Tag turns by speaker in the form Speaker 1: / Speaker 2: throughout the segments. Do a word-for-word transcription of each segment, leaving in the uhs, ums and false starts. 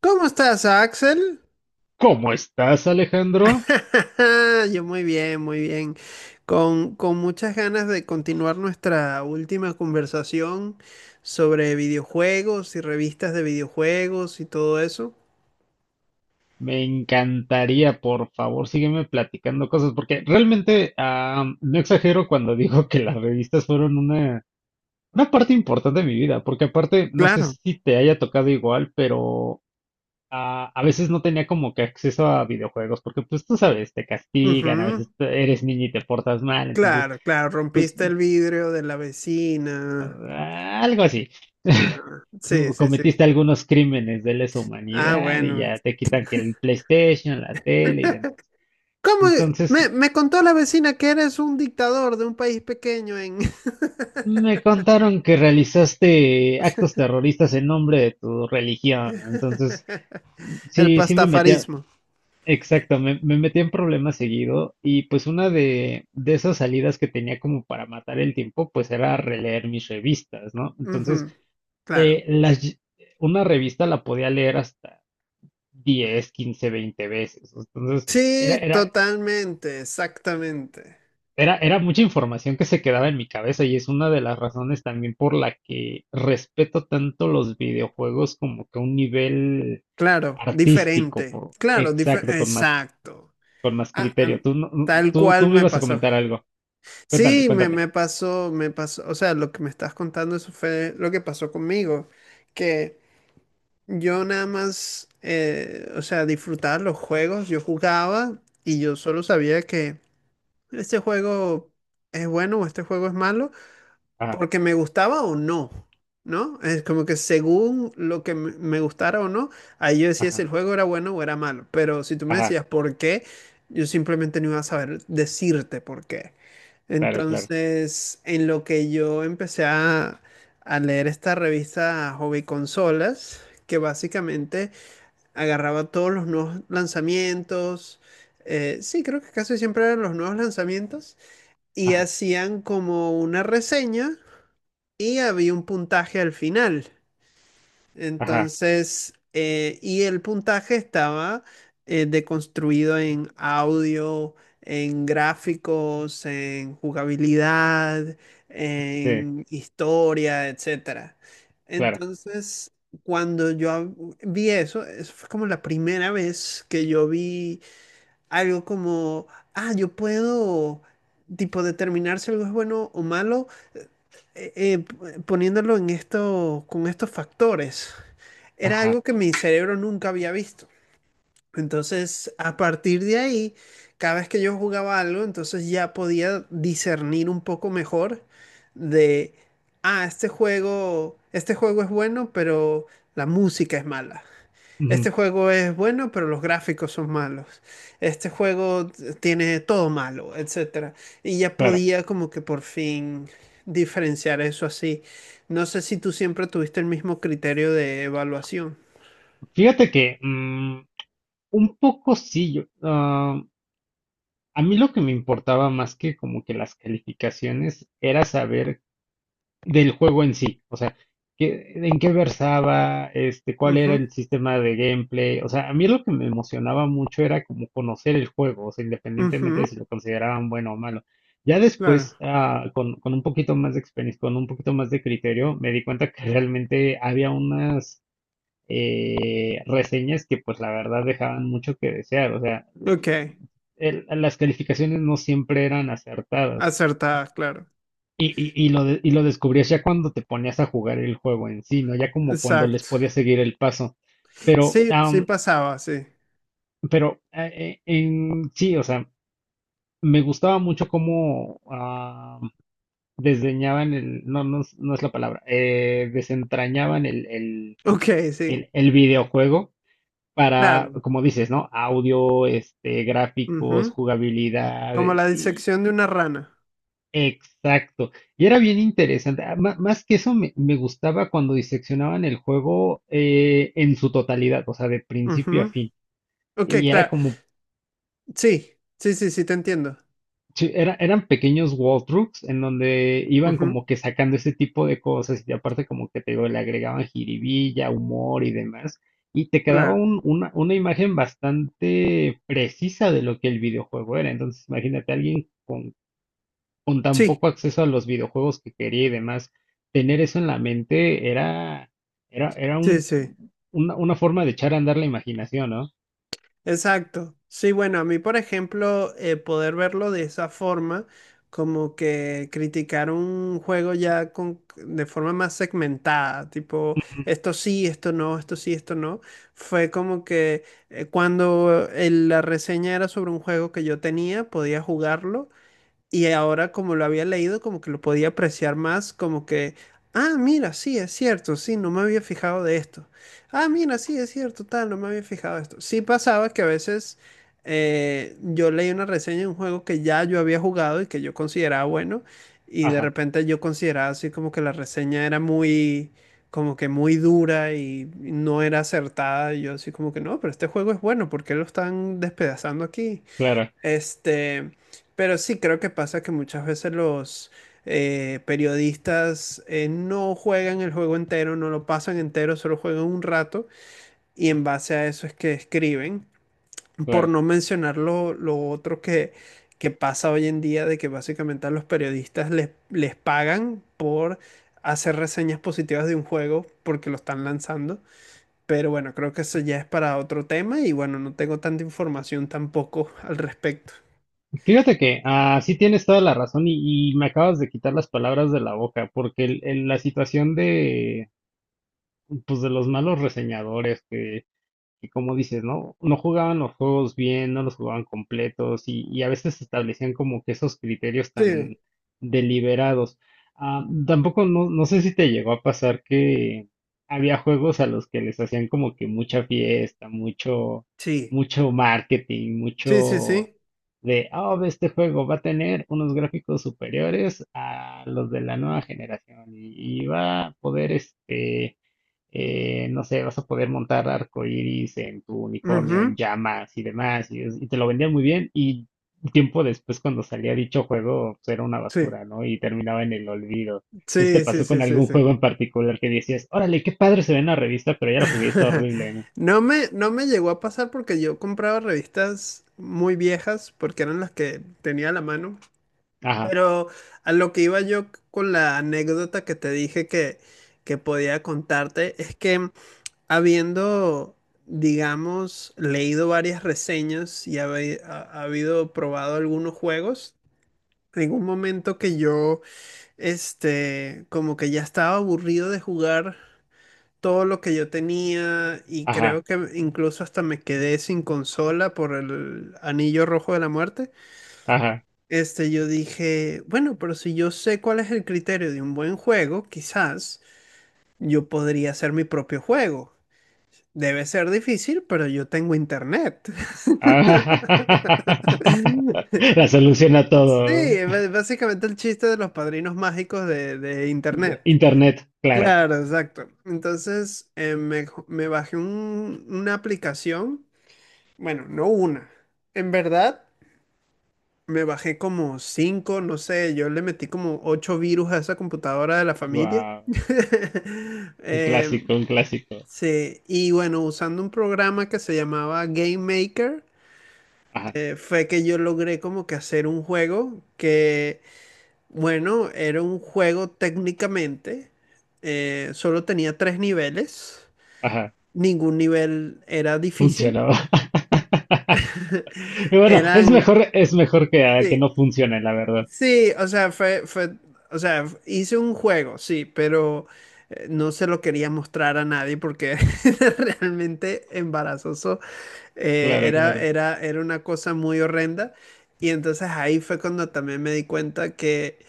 Speaker 1: ¿Cómo estás, Axel?
Speaker 2: ¿Cómo estás, Alejandro?
Speaker 1: Yo muy bien, muy bien. Con, con muchas ganas de continuar nuestra última conversación sobre videojuegos y revistas de videojuegos y todo eso.
Speaker 2: Me encantaría, por favor, sígueme platicando cosas, porque realmente ah, no exagero cuando digo que las revistas fueron una, una parte importante de mi vida, porque aparte, no sé
Speaker 1: Claro.
Speaker 2: si te haya tocado igual, pero ah, a veces no tenía como que acceso a videojuegos, porque pues tú sabes, te castigan, a
Speaker 1: Ujú.
Speaker 2: veces te- eres niño y te portas mal, entonces
Speaker 1: Claro, claro,
Speaker 2: pues,
Speaker 1: rompiste el vidrio de la vecina.
Speaker 2: Ah, algo así.
Speaker 1: Ajá. Sí,
Speaker 2: Uh,
Speaker 1: sí, sí.
Speaker 2: Cometiste algunos crímenes de lesa
Speaker 1: Ah,
Speaker 2: humanidad y
Speaker 1: bueno.
Speaker 2: ya te quitan que el PlayStation, la tele y demás.
Speaker 1: ¿Cómo? e-? Me,
Speaker 2: Entonces,
Speaker 1: me contó la vecina que eres un dictador de un país pequeño en
Speaker 2: me contaron que realizaste actos terroristas en nombre de tu religión. Entonces,
Speaker 1: el
Speaker 2: sí, sí me metía,
Speaker 1: pastafarismo.
Speaker 2: exacto, me, me metía en problemas seguido y pues una de, de esas salidas que tenía como para matar el tiempo, pues era releer mis revistas, ¿no? Entonces,
Speaker 1: Ujú. Claro.
Speaker 2: eh, las, ll- una revista la podía leer hasta diez quince veinte veces. Entonces, era,
Speaker 1: Sí,
Speaker 2: era,
Speaker 1: totalmente, exactamente.
Speaker 2: era, era mucha información que se quedaba en mi cabeza y es una de las razones también por la que respeto tanto los videojuegos como que a un nivel
Speaker 1: Claro,
Speaker 2: artístico,
Speaker 1: diferente.
Speaker 2: por,
Speaker 1: Claro, dife-
Speaker 2: exacto, con más,
Speaker 1: exacto.
Speaker 2: con más
Speaker 1: Ah, ah,
Speaker 2: criterio. Tú, no- no-
Speaker 1: tal
Speaker 2: tú, tú
Speaker 1: cual
Speaker 2: me
Speaker 1: me
Speaker 2: ibas a
Speaker 1: pasó.
Speaker 2: comentar algo. Cuéntame,
Speaker 1: Sí, me,
Speaker 2: cuéntame.
Speaker 1: me pasó, me pasó. O sea, lo que me estás contando, eso fue lo que pasó conmigo. Que yo nada más, eh, o sea, disfrutaba los juegos, yo jugaba y yo solo sabía que este juego es bueno o este juego es malo.
Speaker 2: Ajá,
Speaker 1: Porque me gustaba o no, ¿no? Es como que según lo que me me gustara o no, ahí yo decía si
Speaker 2: ajá,
Speaker 1: el juego era bueno o era malo. Pero si tú me
Speaker 2: ajá,
Speaker 1: decías por qué, yo simplemente no iba a saber decirte por qué.
Speaker 2: claro, claro.
Speaker 1: Entonces, en lo que yo empecé a, a leer esta revista Hobby Consolas, que básicamente agarraba todos los nuevos lanzamientos, eh, sí, creo que casi siempre eran los nuevos lanzamientos, y
Speaker 2: Ajá,
Speaker 1: hacían como una reseña y había un puntaje al final.
Speaker 2: ajá,
Speaker 1: Entonces, eh, y el puntaje estaba eh, deconstruido en audio, en gráficos, en jugabilidad,
Speaker 2: sí,
Speaker 1: en historia, etcétera.
Speaker 2: claro,
Speaker 1: Entonces, cuando yo hab- vi eso, eso fue como la primera vez que yo vi algo como, ah, yo puedo, tipo, determinar si algo es bueno o malo eh, eh, poniéndolo en esto, con estos factores, era
Speaker 2: ajá,
Speaker 1: algo que mi cerebro nunca había visto. Entonces, a partir de ahí, cada vez que yo jugaba algo, entonces ya podía discernir un poco mejor de, ah, este juego, este juego es bueno, pero la música es mala. Este
Speaker 2: ujú,
Speaker 1: juego es bueno, pero los gráficos son malos. Este juego t- tiene todo malo, etcétera. Y ya
Speaker 2: claro.
Speaker 1: podía como que por fin diferenciar eso así. No sé si tú siempre tuviste el mismo criterio de evaluación.
Speaker 2: Fíjate que mm, un poco sí, yo, ah, a mí lo que me importaba más que como que las calificaciones era saber del juego en sí, o sea, qué- en qué versaba, este, cuál
Speaker 1: Ujú,
Speaker 2: era el sistema de gameplay, o sea, a mí lo que me emocionaba mucho era como conocer el juego, o sea, independientemente de
Speaker 1: ujú,
Speaker 2: si lo consideraban bueno o malo. Ya
Speaker 1: claro.
Speaker 2: después, ah, con, con un poquito más de experiencia, con un poquito más de criterio, me di cuenta que realmente había unas eh, reseñas que pues la verdad dejaban mucho que desear, o sea,
Speaker 1: Ok,
Speaker 2: el- las calificaciones no siempre eran acertadas.
Speaker 1: acertada, claro.
Speaker 2: Y, y- y lo de- y lo descubrías ya cuando te ponías a jugar el juego en sí, ¿no? Ya como cuando les
Speaker 1: Exacto.
Speaker 2: podías seguir el paso. Pero,
Speaker 1: Sí, sí
Speaker 2: am,
Speaker 1: pasaba, sí.
Speaker 2: pero eh, eh, en sí, o sea, me gustaba mucho cómo ah, desdeñaban el, no, no, es no es la palabra, eh, desentrañaban el, el,
Speaker 1: Ok, sí,
Speaker 2: el, el videojuego para,
Speaker 1: claro.
Speaker 2: como dices, ¿no? Audio, este, gráficos,
Speaker 1: Ujú.
Speaker 2: jugabilidad,
Speaker 1: Como
Speaker 2: eh,
Speaker 1: la
Speaker 2: y-
Speaker 1: disección de una rana.
Speaker 2: exacto. Y era bien interesante. Ah, má- Más que eso, me, me gustaba cuando diseccionaban el juego eh, en su totalidad, o sea, de principio a
Speaker 1: Ujú.
Speaker 2: fin.
Speaker 1: Ok,
Speaker 2: Y era
Speaker 1: claro.
Speaker 2: como
Speaker 1: Sí, sí, sí, sí, te entiendo.
Speaker 2: sí, era- eran pequeños walkthroughs en donde iban como que sacando ese tipo de cosas y aparte como que te digo, le agregaban jiribilla, humor y demás. Y te quedaba
Speaker 1: Claro.
Speaker 2: un- una, una imagen bastante precisa de lo que el videojuego era. Entonces imagínate alguien con, con tan
Speaker 1: Sí,
Speaker 2: poco acceso a los videojuegos que quería y demás, tener eso en la mente era, era, era
Speaker 1: sí,
Speaker 2: un,
Speaker 1: sí.
Speaker 2: una, una forma de echar a andar la imaginación, ¿no?
Speaker 1: Exacto. Sí, bueno, a mí, por ejemplo, eh, poder verlo de esa forma, como que criticar un juego ya con, de forma más segmentada, tipo, esto sí, esto no, esto sí, esto no, fue como que eh, cuando el- la reseña era sobre un juego que yo tenía, podía jugarlo. Y ahora como lo había leído, como que lo podía apreciar más, como que, ah, mira, sí, es cierto, sí, no me había fijado de esto. Ah, mira, sí, es cierto, tal, no me había fijado de esto. Sí pasaba que a veces eh, yo leí una reseña de un juego que ya yo había jugado y que yo consideraba bueno, y de
Speaker 2: Ajá,
Speaker 1: repente yo consideraba así como que la reseña era muy, como que muy dura y no era acertada, y yo así como que, no, pero este juego es bueno, ¿por qué lo están despedazando aquí?
Speaker 2: claro,
Speaker 1: Este, pero sí creo que pasa que muchas veces los eh, periodistas eh, no juegan el juego entero, no lo pasan entero, solo juegan un rato y en base a eso es que escriben. Por
Speaker 2: claro.
Speaker 1: no mencionar lo, lo otro que, que pasa hoy en día, de que básicamente a los periodistas les, les pagan por hacer reseñas positivas de un juego porque lo están lanzando. Pero bueno, creo que eso ya es para otro tema y bueno, no tengo tanta información tampoco al respecto.
Speaker 2: Fíjate que así tienes toda la razón y, y me acabas de quitar las palabras de la boca, porque el- el- la situación de, pues, de los malos reseñadores que, que como dices, ¿no? No jugaban los juegos bien, no los jugaban completos y, y a veces establecían como que esos criterios
Speaker 1: Sí.
Speaker 2: tan deliberados. Ah, tampoco no, no sé si te llegó a pasar que había juegos a los que les hacían como que mucha fiesta, mucho,
Speaker 1: Sí,
Speaker 2: mucho marketing,
Speaker 1: sí, sí,
Speaker 2: mucho
Speaker 1: sí.
Speaker 2: de, oh, ve, este juego va a tener unos gráficos superiores a los de la nueva generación y, y va a poder este eh, no sé, vas a poder montar arcoiris en tu unicornio, en
Speaker 1: Ujú.
Speaker 2: llamas y demás, y, es- y te lo vendían muy bien, y tiempo después cuando salía dicho juego, pues era una
Speaker 1: Sí,
Speaker 2: basura, ¿no? Y terminaba en el olvido. Entonces te
Speaker 1: sí, sí,
Speaker 2: pasó
Speaker 1: sí,
Speaker 2: con
Speaker 1: sí,
Speaker 2: algún
Speaker 1: sí.
Speaker 2: juego en particular que decías, órale, qué padre se ve en la revista, pero ya lo jugué, y está horrible, ¿no?
Speaker 1: No me, no me llegó a pasar porque yo compraba revistas muy viejas porque eran las que tenía a la mano.
Speaker 2: Ajá,
Speaker 1: Pero a lo que iba yo con la anécdota que te dije que, que podía contarte es que habiendo, digamos, leído varias reseñas y habe- ha, ha habido probado algunos juegos, en un momento que yo este, como que ya estaba aburrido de jugar todo lo que yo tenía y
Speaker 2: ajá,
Speaker 1: creo que incluso hasta me quedé sin consola por el anillo rojo de la muerte.
Speaker 2: ajá.
Speaker 1: Este, yo dije, bueno, pero si yo sé cuál es el criterio de un buen juego, quizás yo podría hacer mi propio juego. Debe ser difícil, pero yo tengo internet.
Speaker 2: Ajá. La solución a
Speaker 1: Sí,
Speaker 2: todo.
Speaker 1: b- básicamente el chiste de los padrinos mágicos de, de internet.
Speaker 2: Internet, claro.
Speaker 1: Claro, exacto. Entonces eh, me, jo- me bajé un- una aplicación, bueno, no una. En verdad, me bajé como cinco, no sé, yo le metí como ocho virus a esa computadora de la familia.
Speaker 2: Wow, un
Speaker 1: Em,
Speaker 2: clásico, un clásico.
Speaker 1: sí, y bueno, usando un programa que se llamaba Game Maker,
Speaker 2: Ajá,
Speaker 1: eh, fue que yo logré como que hacer un juego que, bueno, era un juego técnicamente, eh, solo tenía tres niveles.
Speaker 2: ajá,
Speaker 1: Ningún nivel era difícil.
Speaker 2: funcionaba. Bueno, es
Speaker 1: Eran,
Speaker 2: mejor, es mejor que, ah, que
Speaker 1: sí,
Speaker 2: no funcione, la verdad.
Speaker 1: sí, o sea, fue, fue, o sea, hice un juego, sí, pero eh, no se lo quería mostrar a nadie porque era realmente embarazoso. Eh,
Speaker 2: Claro,
Speaker 1: era,
Speaker 2: claro.
Speaker 1: era, era una cosa muy horrenda. Y entonces ahí fue cuando también me di cuenta que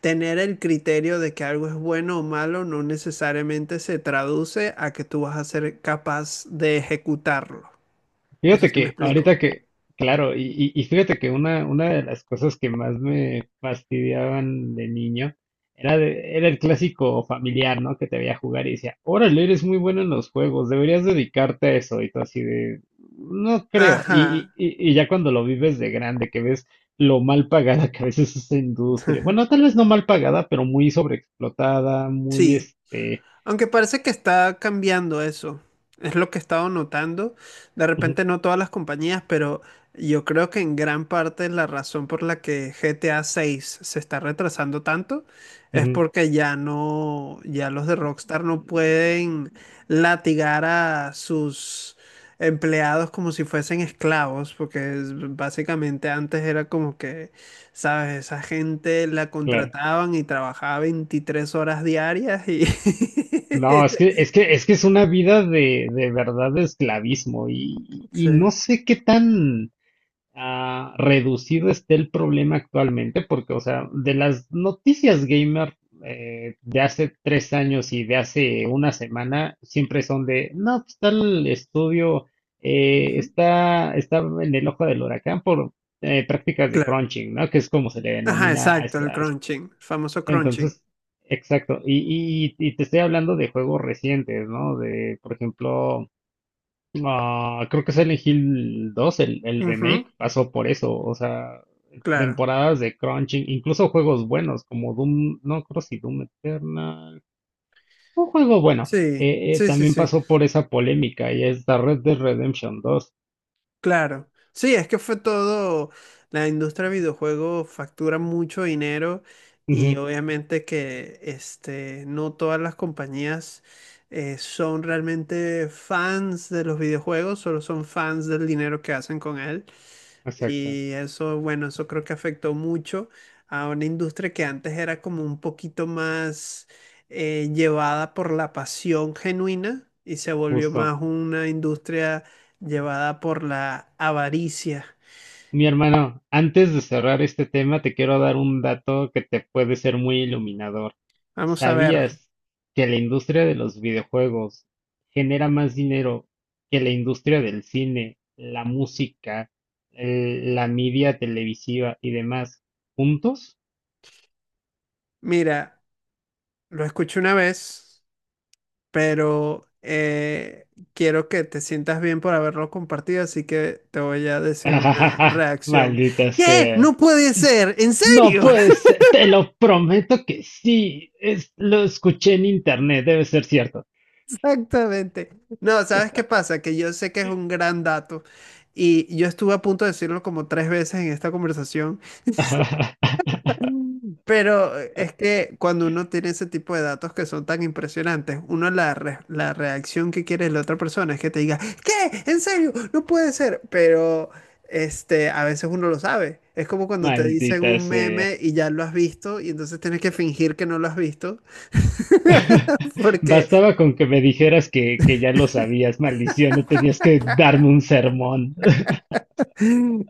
Speaker 1: tener el criterio de que algo es bueno o malo no necesariamente se traduce a que tú vas a ser capaz de ejecutarlo. No sé
Speaker 2: Fíjate
Speaker 1: si me
Speaker 2: que
Speaker 1: explico.
Speaker 2: ahorita que, claro, y, y, y fíjate que una, una de las cosas que más me fastidiaban de niño era, de- era el clásico familiar, ¿no? Que te veía jugar y decía, órale, eres muy bueno en los juegos, deberías dedicarte a eso. Y tú así de, no creo.
Speaker 1: Ajá.
Speaker 2: Y, y, y y ya cuando lo vives de grande, que ves lo mal pagada que a veces es esa industria. Bueno, tal vez no mal pagada, pero muy sobreexplotada, muy
Speaker 1: Sí.
Speaker 2: este.
Speaker 1: Aunque parece que está cambiando eso. Es lo que he estado notando. De repente no todas las compañías, pero yo creo que en gran parte la razón por la que G T A seis se está retrasando tanto es
Speaker 2: Ujú.
Speaker 1: porque ya no, ya los de Rockstar no pueden latigar a sus empleados como si fuesen esclavos, porque es- básicamente antes era como que ¿sabes? Esa gente la
Speaker 2: Claro.
Speaker 1: contrataban y trabajaba veintitrés horas diarias y...
Speaker 2: No, es que, es que, es que es una vida de, de verdad de esclavismo y, y
Speaker 1: Sí.
Speaker 2: no sé qué tan ah, reducido esté el problema actualmente, porque, o sea, de las noticias gamer eh, de hace tres años y de hace una semana, siempre son de, no, pues tal estudio eh,
Speaker 1: Ujú.
Speaker 2: está, está en el ojo del huracán por eh, prácticas de
Speaker 1: Claro.
Speaker 2: crunching, ¿no? Que es como se le
Speaker 1: Ajá,
Speaker 2: denomina a
Speaker 1: exacto, el
Speaker 2: esa,
Speaker 1: crunching, el famoso crunching.
Speaker 2: entonces, exacto. Y, y- y te estoy hablando de juegos recientes, ¿no? De, por ejemplo, ah, creo que Silent Hill dos, el, el
Speaker 1: Ujú.
Speaker 2: remake, pasó por eso. O sea,
Speaker 1: Claro.
Speaker 2: temporadas de crunching, incluso juegos buenos como Doom, no creo si Doom Eternal, un juego bueno,
Speaker 1: Sí,
Speaker 2: eh, eh,
Speaker 1: sí, sí,
Speaker 2: también
Speaker 1: sí,
Speaker 2: pasó por esa polémica y es la Red Dead Redemption dos.
Speaker 1: claro. Sí, es que fue todo, la industria de videojuegos factura mucho dinero y
Speaker 2: Ujú,
Speaker 1: obviamente que este, no todas las compañías eh, son realmente fans de los videojuegos, solo son fans del dinero que hacen con él.
Speaker 2: exacto,
Speaker 1: Y eso, bueno, eso creo que afectó mucho a una industria que antes era como un poquito más eh, llevada por la pasión genuina y se volvió
Speaker 2: justo.
Speaker 1: más una industria llevada por la avaricia.
Speaker 2: Mi hermano, antes de cerrar este tema, te quiero dar un dato que te puede ser muy iluminador.
Speaker 1: Vamos a ver,
Speaker 2: ¿Sabías que la industria de los videojuegos genera más dinero que la industria del cine, la música, el- la media televisiva y demás juntos?
Speaker 1: mira, lo escuché una vez, pero eh, quiero que te sientas bien por haberlo compartido, así que te voy a decir una reacción.
Speaker 2: Maldita
Speaker 1: ¿Qué?
Speaker 2: sea.
Speaker 1: No puede ser, ¿en
Speaker 2: No
Speaker 1: serio?
Speaker 2: puede ser, te lo prometo que sí. Es, lo escuché en internet, debe ser cierto.
Speaker 1: Exactamente. No, ¿sabes qué pasa? Que yo sé que es un gran dato y yo estuve a punto de decirlo como tres veces en esta conversación, pero es que cuando uno tiene ese tipo de datos que son tan impresionantes, uno la, re- la reacción que quiere la otra persona es que te diga, ¿qué? ¿En serio? No puede ser. Pero este, a veces uno lo sabe. Es como cuando te dicen
Speaker 2: Maldita
Speaker 1: un
Speaker 2: sea.
Speaker 1: meme y ya lo has visto y entonces tienes que fingir que no lo has visto porque
Speaker 2: Bastaba con que me dijeras que, que ya lo sabías, maldición, no tenías que darme un sermón.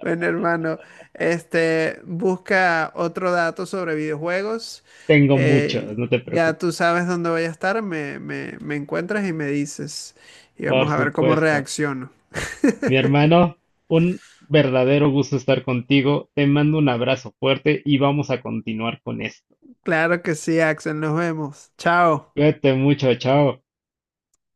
Speaker 1: bueno, hermano, este, busca otro dato sobre videojuegos.
Speaker 2: Tengo muchos,
Speaker 1: Eh,
Speaker 2: no te
Speaker 1: ya tú
Speaker 2: preocupes.
Speaker 1: sabes dónde voy a estar, me, me, me encuentras y me dices. Y
Speaker 2: Por
Speaker 1: vamos a ver cómo
Speaker 2: supuesto.
Speaker 1: reacciono.
Speaker 2: Mi hermano, un verdadero gusto estar contigo. Te mando un abrazo fuerte y vamos a continuar con esto.
Speaker 1: Claro que sí, Axel, nos vemos. Chao.
Speaker 2: Cuídate mucho, chao.